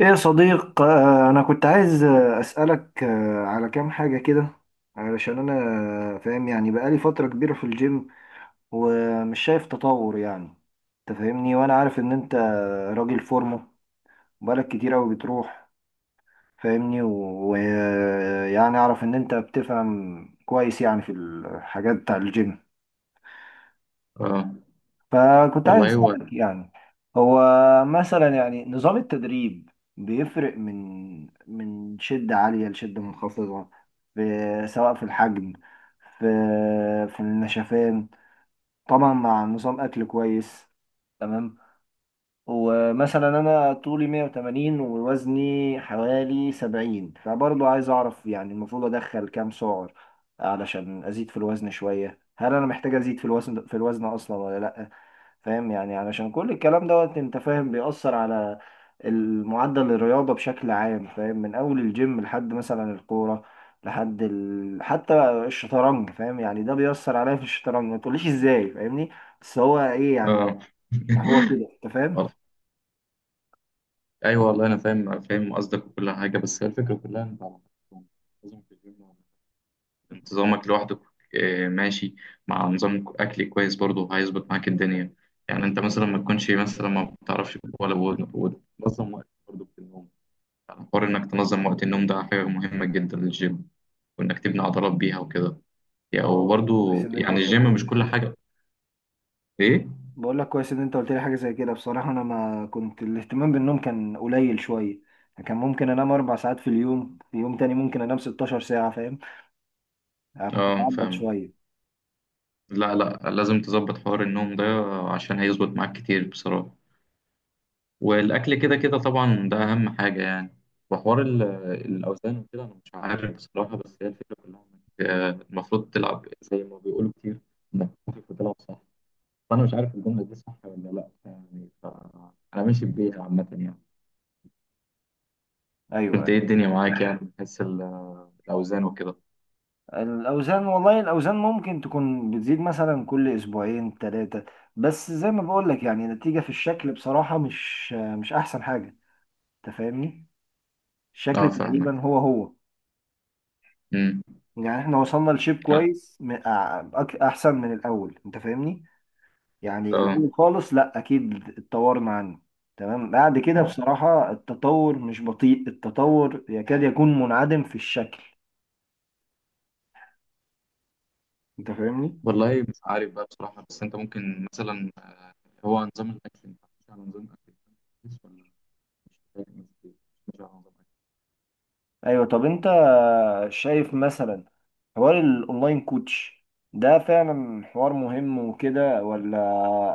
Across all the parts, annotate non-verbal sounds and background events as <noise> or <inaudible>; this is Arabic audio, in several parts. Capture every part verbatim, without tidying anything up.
ايه يا صديق، آه، انا كنت عايز آه، اسالك آه، على كام حاجه كده. علشان انا آه، فاهم يعني بقالي فتره كبيره في الجيم ومش شايف تطور يعني. انت فاهمني، وانا عارف ان انت راجل فورمه، بقالك كتير قوي بتروح، فاهمني. ويعني اعرف ان انت بتفهم كويس يعني في الحاجات بتاع الجيم. اه فكنت عايز والله هو أسألك يعني، هو مثلا يعني نظام التدريب بيفرق من من شدة عالية لشدة منخفضة، في سواء في الحجم، في في النشفان، طبعا مع نظام أكل كويس، تمام. ومثلا أنا طولي مية وتمانين ووزني حوالي سبعين، فبرضه عايز أعرف يعني المفروض أدخل كام سعر علشان أزيد في الوزن شوية. هل أنا محتاج أزيد في الوزن في الوزن أصلا ولا لأ؟ فاهم يعني، علشان كل الكلام دوت انت فاهم بيأثر على المعدل الرياضة بشكل عام. فاهم، من أول الجيم لحد مثلا الكورة لحد ال... حتى الشطرنج. فاهم يعني، ده بيأثر عليا في الشطرنج، ما تقوليش ازاي، فاهمني؟ بس هو ايه يعني. اه هو <laughs> كده انت فاهم. والله- ايوه، والله انا فاهم فاهم قصدك وكل حاجه. بس هي الفكره كلها انت على حسب، لازم في الجيم انتظامك لوحدك. آه، ماشي، مع نظام اكل كويس برضه هيظبط معاك الدنيا. يعني انت مثلا ما تكونش، مثلا ما بتعرفش ولا بود- وتنظم وقت برضه في النوم. يعني حوار انك تنظم وقت النوم ده حاجه مهمه جدا للجيم، وانك تبني عضلات بيها وكده. يعني اه، كويس وبرضه ان انت يعني قلت لي حاجة الجيم مش زي كل كده. حاجه. ايه؟ بقول لك كويس ان انت قلت لي حاجة زي كده، بصراحة انا ما كنت الاهتمام بالنوم كان قليل شوية. كان ممكن انام اربع ساعات في اليوم، في يوم تاني ممكن انام 16 ساعة، فاهم؟ أنا كنت اه، بعبط فاهم. شوية. لا لا، لازم تظبط حوار النوم ده عشان هيظبط معاك كتير بصراحة. والأكل كده كده طبعا ده أهم حاجة يعني. وحوار ال- الأوزان وكده أنا مش عارف بصراحة. بس هي الفكرة كلها إنك آه، المفروض تلعب زي ما بيقولوا كتير، إنك خفيف وتلعب صح. فأنا مش عارف الجملة دي صح ولا لأ، يعني ف- أنا ماشي بيها عامة يعني. ايوه، أنت إيه ايوه. الدنيا معاك؟ يعني بحس الأوزان وكده. الاوزان، والله الاوزان ممكن تكون بتزيد مثلا كل اسبوعين ثلاثه، بس زي ما بقول لك يعني النتيجه في الشكل بصراحه مش مش احسن حاجه. انت فاهمني، الشكل أه، تقريبا فاهمك. هو هو. أمم. يعني احنا وصلنا لشيب كويس، م- أع- أك- احسن من الاول، انت فاهمني. يعني أه. الاول خالص لا اكيد اتطورنا عنه، تمام. بعد كده آه. بصراحه التطور مش بطيء، التطور يكاد يكون منعدم في الشكل، انت فاهمني. والله مش عارف بقى بصراحة. بس أنت ممكن مثلا، آه، هو نظام الأكل، أنت ماشي على نظام أكل كويس ولا؟ مش فاهم، مش ماشي على نظام أكل؟ ايوه. طب انت شايف مثلا حوار الاونلاين كوتش ده فعلا حوار مهم وكده، ولا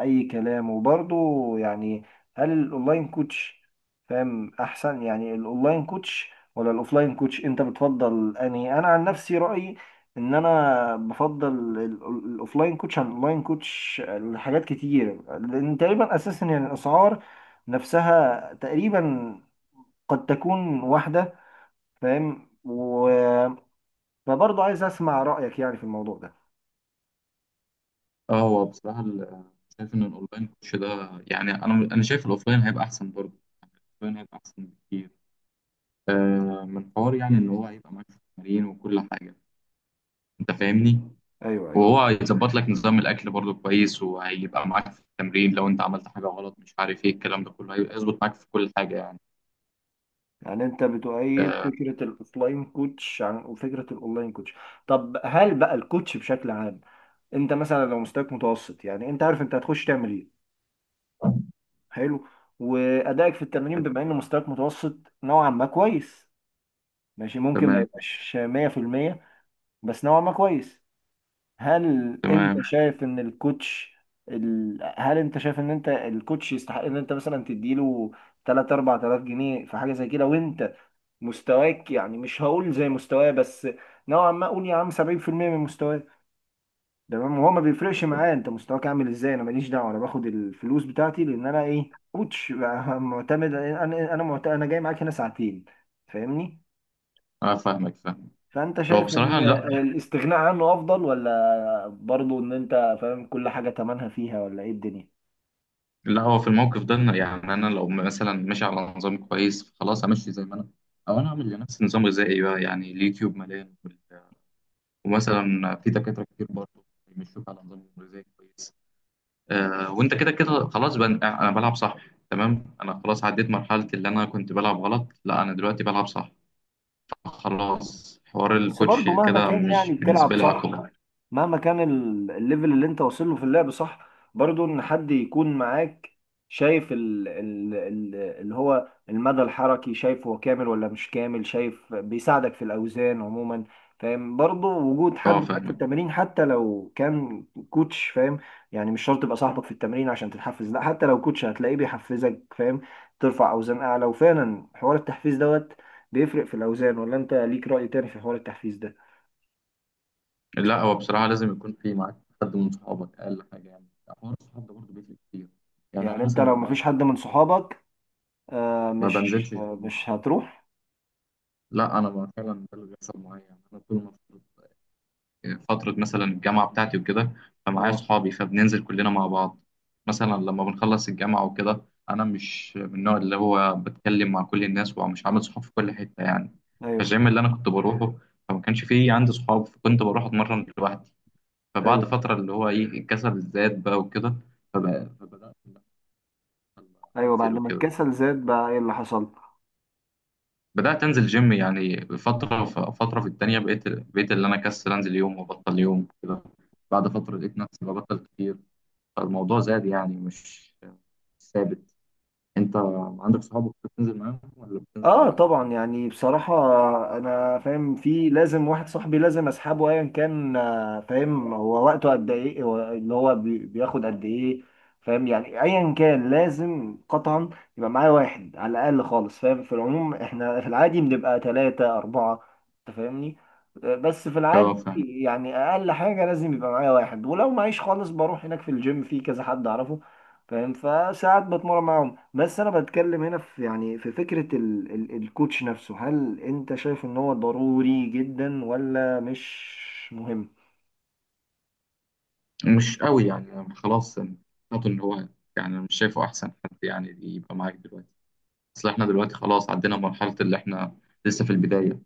اي كلام؟ وبرضه يعني هل الاونلاين كوتش فاهم احسن؟ يعني الاونلاين كوتش ولا الاوفلاين كوتش انت بتفضل انهي؟ انا عن نفسي رأيي ان انا بفضل ال- ال- الاوفلاين كوتش عن الاونلاين كوتش لحاجات كتير، لان تقريبا اساسا يعني الاسعار نفسها تقريبا، قد تكون واحدة، فاهم. وبرضه عايز اسمع رايك يعني في الموضوع ده. أه، هو بصراحة ال- آه، شايف إن الأونلاين كوتش ده، يعني أنا أنا شايف الأوفلاين هيبقى أحسن برضه. يعني الأوفلاين هيبقى أحسن بكتير، آه، من حوار يعني إن هو هيبقى معاك في التمارين وكل حاجة. أنت فاهمني؟ ايوه، ايوه. وهو هيظبط لك نظام الأكل برضه كويس، وهيبقى معاك في التمرين لو أنت عملت حاجة غلط مش عارف إيه، الكلام ده كله هيظبط معاك في كل حاجة يعني. يعني انت بتؤيد آه، فكره الاوفلاين كوتش عن وفكره الاونلاين كوتش. طب هل بقى الكوتش بشكل عام، انت مثلا لو مستواك متوسط يعني انت عارف انت هتخش تعمل ايه، حلو، وادائك في التمرين بما ان مستواك متوسط نوعا ما كويس، ماشي، ممكن ما تمام يبقاش مية في المية، بس نوعا ما كويس. هل انت تمام. شايف ان الكوتش ال... هل انت شايف ان انت الكوتش يستحق ان انت مثلا تديله تلاتة اربعة الاف جنيه في حاجه زي كده، وانت مستواك يعني مش هقول زي مستواه بس نوعا ما اقول يا عم سبعين في المية من مستواه، تمام؟ وهو ما بيفرقش معاه انت مستواك عامل ازاي، انا ماليش دعوه، انا باخد الفلوس بتاعتي لان انا ايه، كوتش <laughs> بقى، معتمد، انا انا معتمد، انا جاي معاك هنا ساعتين، فاهمني. اه فاهمك، فاهم. فانت هو شايف بصراحة ان لا. الاستغناء عنه افضل، ولا برضو ان انت فاهم كل حاجة تمنها فيها ولا ايه الدنيا؟ لا، هو في الموقف ده إن- يعني أنا لو مثلا ماشي على نظام كويس، خلاص أمشي زي ما أنا. أو أنا أعمل لنفسي نظام غذائي بقى، يعني اليوتيوب مليان وال- ومثلا في دكاترة كتير برضه بيمشوك على نظام غذائي كويس. آه، وأنت كده كده خلاص بقى، أنا أنا بلعب صح. تمام، أنا خلاص عديت مرحلة اللي أنا كنت بلعب غلط، لا أنا دلوقتي بلعب صح. خلاص، حوار بس الكوتش برضو مهما كده كان مش يعني بتلعب بالنسبة لي صح، عقبة. مهما كان ال- الليفل اللي انت واصل له في اللعب صح، برضو ان حد يكون معاك، شايف ال ال ال اللي هو المدى الحركي، شايف هو كامل ولا مش كامل، شايف بيساعدك في الاوزان عموما، فاهم. برضو وجود حد اه معاك في فاهمك. التمرين حتى لو كان كوتش، فاهم، يعني مش شرط يبقى صاحبك في التمرين عشان تتحفز، لا حتى لو كوتش هتلاقيه بيحفزك، فاهم، ترفع اوزان اعلى. وفعلا حوار التحفيز دوت بيفرق في الاوزان، ولا انت ليك رأي تاني في حوار التحفيز ده؟ لا، هو بصراحة لازم يكون في معاك حد من صحابك، أقل حاجة. يعني حوار الصحاب ده برضه بيفرق كتير. يعني أنا يعني انت مثلا لو مش بعرف مفيش حد أنط- من صحابك، آه ما مش بنزلش آه الجيم. مش هتروح؟ لا أنا، ما فعلا ده اللي بيحصل معايا. يعني أنا طول ما في- فترة مثلا الجامعة بتاعتي وكده فمعايا اه. صحابي، فبننزل كلنا مع بعض. مثلا لما بنخلص الجامعة وكده، أنا مش من النوع اللي هو بتكلم مع كل الناس ومش عامل صحاب في كل حتة يعني. ايوه، فالجيم اللي أنا كنت بروحه فما كانش فيه عندي صحاب، فكنت بروح أتمرن لوحدي. فبعد ايوه، فترة اللي هو إيه، الكسل زاد بقى وكده. فب- فبدأت إن أنا ايوه، بعد أنزل ما وكده. الكسل زاد بقى ايه اللي حصل؟ بدأت أنزل جيم يعني فترة فترة في التانية، بقيت بقيت اللي أنا كسل أنزل يوم وأبطل يوم كده. بعد فترة لقيت نفسي ببطل كتير، فالموضوع زاد يعني مش مش ثابت. أنت عندك صحابك بتنزل معاهم ولا بتنزل اه لوحدك؟ طبعا، يعني بصراحة انا فاهم في لازم واحد صاحبي لازم اسحبه ايا كان، آه، فاهم هو وقته قد ايه، هو اللي هو بي- بياخد قد ايه، فاهم. يعني ايا كان لازم قطعا يبقى معايا واحد على الاقل خالص، فاهم، في العموم احنا في العادي بنبقى ثلاثة اربعة، انت فاهمني. آه، بس في أه العادي فاهم. يعني اقل حاجة لازم يبقى معايا واحد، ولو معيش خالص بروح هناك في الجيم في كذا حد اعرفه، فاهم، فساعات بتمرن معاهم. بس انا بتكلم هنا في يعني في فكرة ال ال الكوتش نفسه، هل انت شايف ان هو ضروري جدا ولا مش مهم؟ مش قوي يعني، أنا خلاص يعني حاطط إن هو، يعني مش شايفه أحسن حد يعني يبقى معاك دلوقتي. أصل إحنا دلوقتي خلاص عدينا مرحلة اللي إحنا لسه في البداية.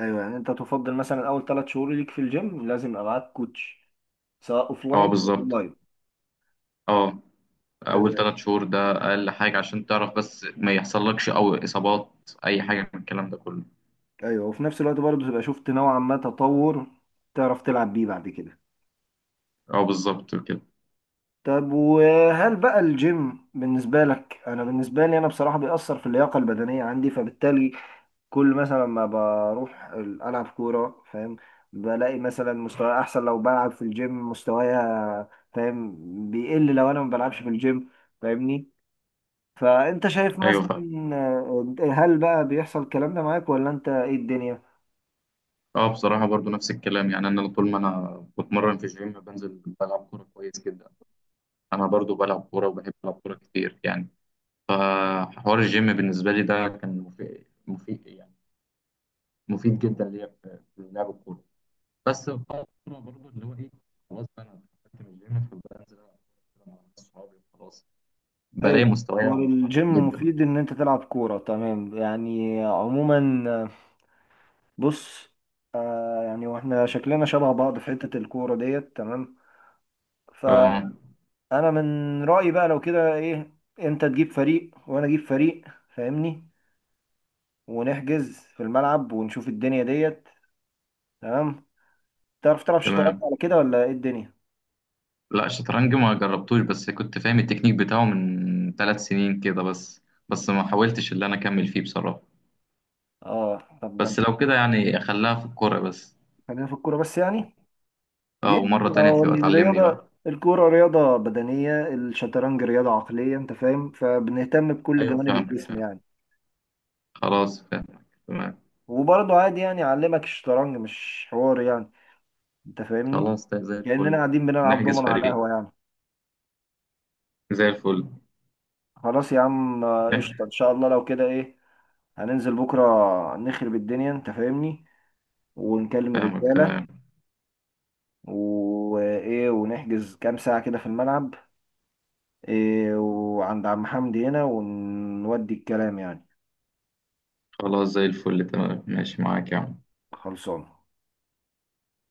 ايوه. يعني انت تفضل مثلا اول ثلاث شهور ليك في الجيم لازم يبقى معاك كوتش، سواء اه اوفلاين او بالظبط. اونلاين. اه، اول تمام. ثلاث شهور ده اقل حاجه عشان تعرف بس، ما يحصلكش او اصابات اي حاجه من الكلام ده كله. ايوه، وفي نفس الوقت برضه تبقى شفت نوعا ما تطور، تعرف تلعب بيه بعد كده. اه بالظبط كده. طب وهل بقى الجيم بالنسبة لك؟ انا بالنسبة لي انا بصراحة بيأثر في اللياقة البدنية عندي، فبالتالي كل مثلا ما بروح ال- ألعب كورة، فاهم، بلاقي مثلا مستواي أحسن لو بلعب في الجيم، مستوايا، فاهم، بيقل لو أنا ما بلعبش في الجيم، فاهمني. فأنت شايف ايوه مثلا فاهم. آه، هل بقى بيحصل الكلام ده معاك، ولا أنت إيه الدنيا؟ اه، بصراحه برضو نفس الكلام. يعني انا طول ما انا بتمرن في الجيم، بنزل بلعب كوره كويس جدا. انا برضو بلعب كوره وبحب العب كوره كتير يعني. فحوار الجيم بالنسبه لي ده كان مفيد مفيد يعني، مفيد جدا ليا في في لعب الكوره. بس بقى الكوره برضو اللي هو ايه، خلاص بقى انا دخلت من الجيم فبنزل العب كورة مع ناس صحابي وخلاص. أيوه. بلاقي مستواي هو متدهور الجيم جدا. مفيد إن أنت تلعب كورة، تمام يعني عموما. آه، بص، آه، يعني واحنا شكلنا شبه بعض في حتة الكورة ديت، تمام. اه انا من رأيي بقى لو كده ايه، انت تجيب فريق وانا اجيب فريق، فاهمني، ونحجز في الملعب ونشوف الدنيا ديت، تمام. تعرف تلعب شطرنج تمام. على كده ولا ايه الدنيا؟ لا، الشطرنج ما جربتوش، بس كنت فاهم التكنيك بتاعه من ثلاث سنين كده بس. بس ما حاولتش اللي انا اكمل فيه بصراحة. اه، طب ده بس انت لو كده يعني اخليها في الكورة بس. خلينا في الكورة بس يعني ليه اه، ومرة يعني؟ تانية هو تبقى تعلمني الرياضة، بقى. الكورة رياضة بدنية، الشطرنج رياضة عقلية، انت فاهم، فبنهتم بكل ايوه جوانب فاهمك، الجسم فاهم. يعني. خلاص فاهمك، تمام. وبرضه عادي يعني اعلمك الشطرنج، مش حوار يعني، انت فاهمني، خلاص، ده زي كأننا الفل. قاعدين بنلعب نحجز دومنا على فريق. القهوة يعني. زي الفل. خلاص يا عم، آه، نحجز. قشطة، ان شاء الله لو كده ايه هننزل بكرة نخرب الدنيا، انت فاهمني، ونكلم فاهمك الرجالة، تمام. وايه، ونحجز كام ساعة كده في الملعب، إيه، وعند عم حمدي هنا ونودي الكلام يعني. خلاص زي الفل، تمام ماشي معاك يا عم. خلصان.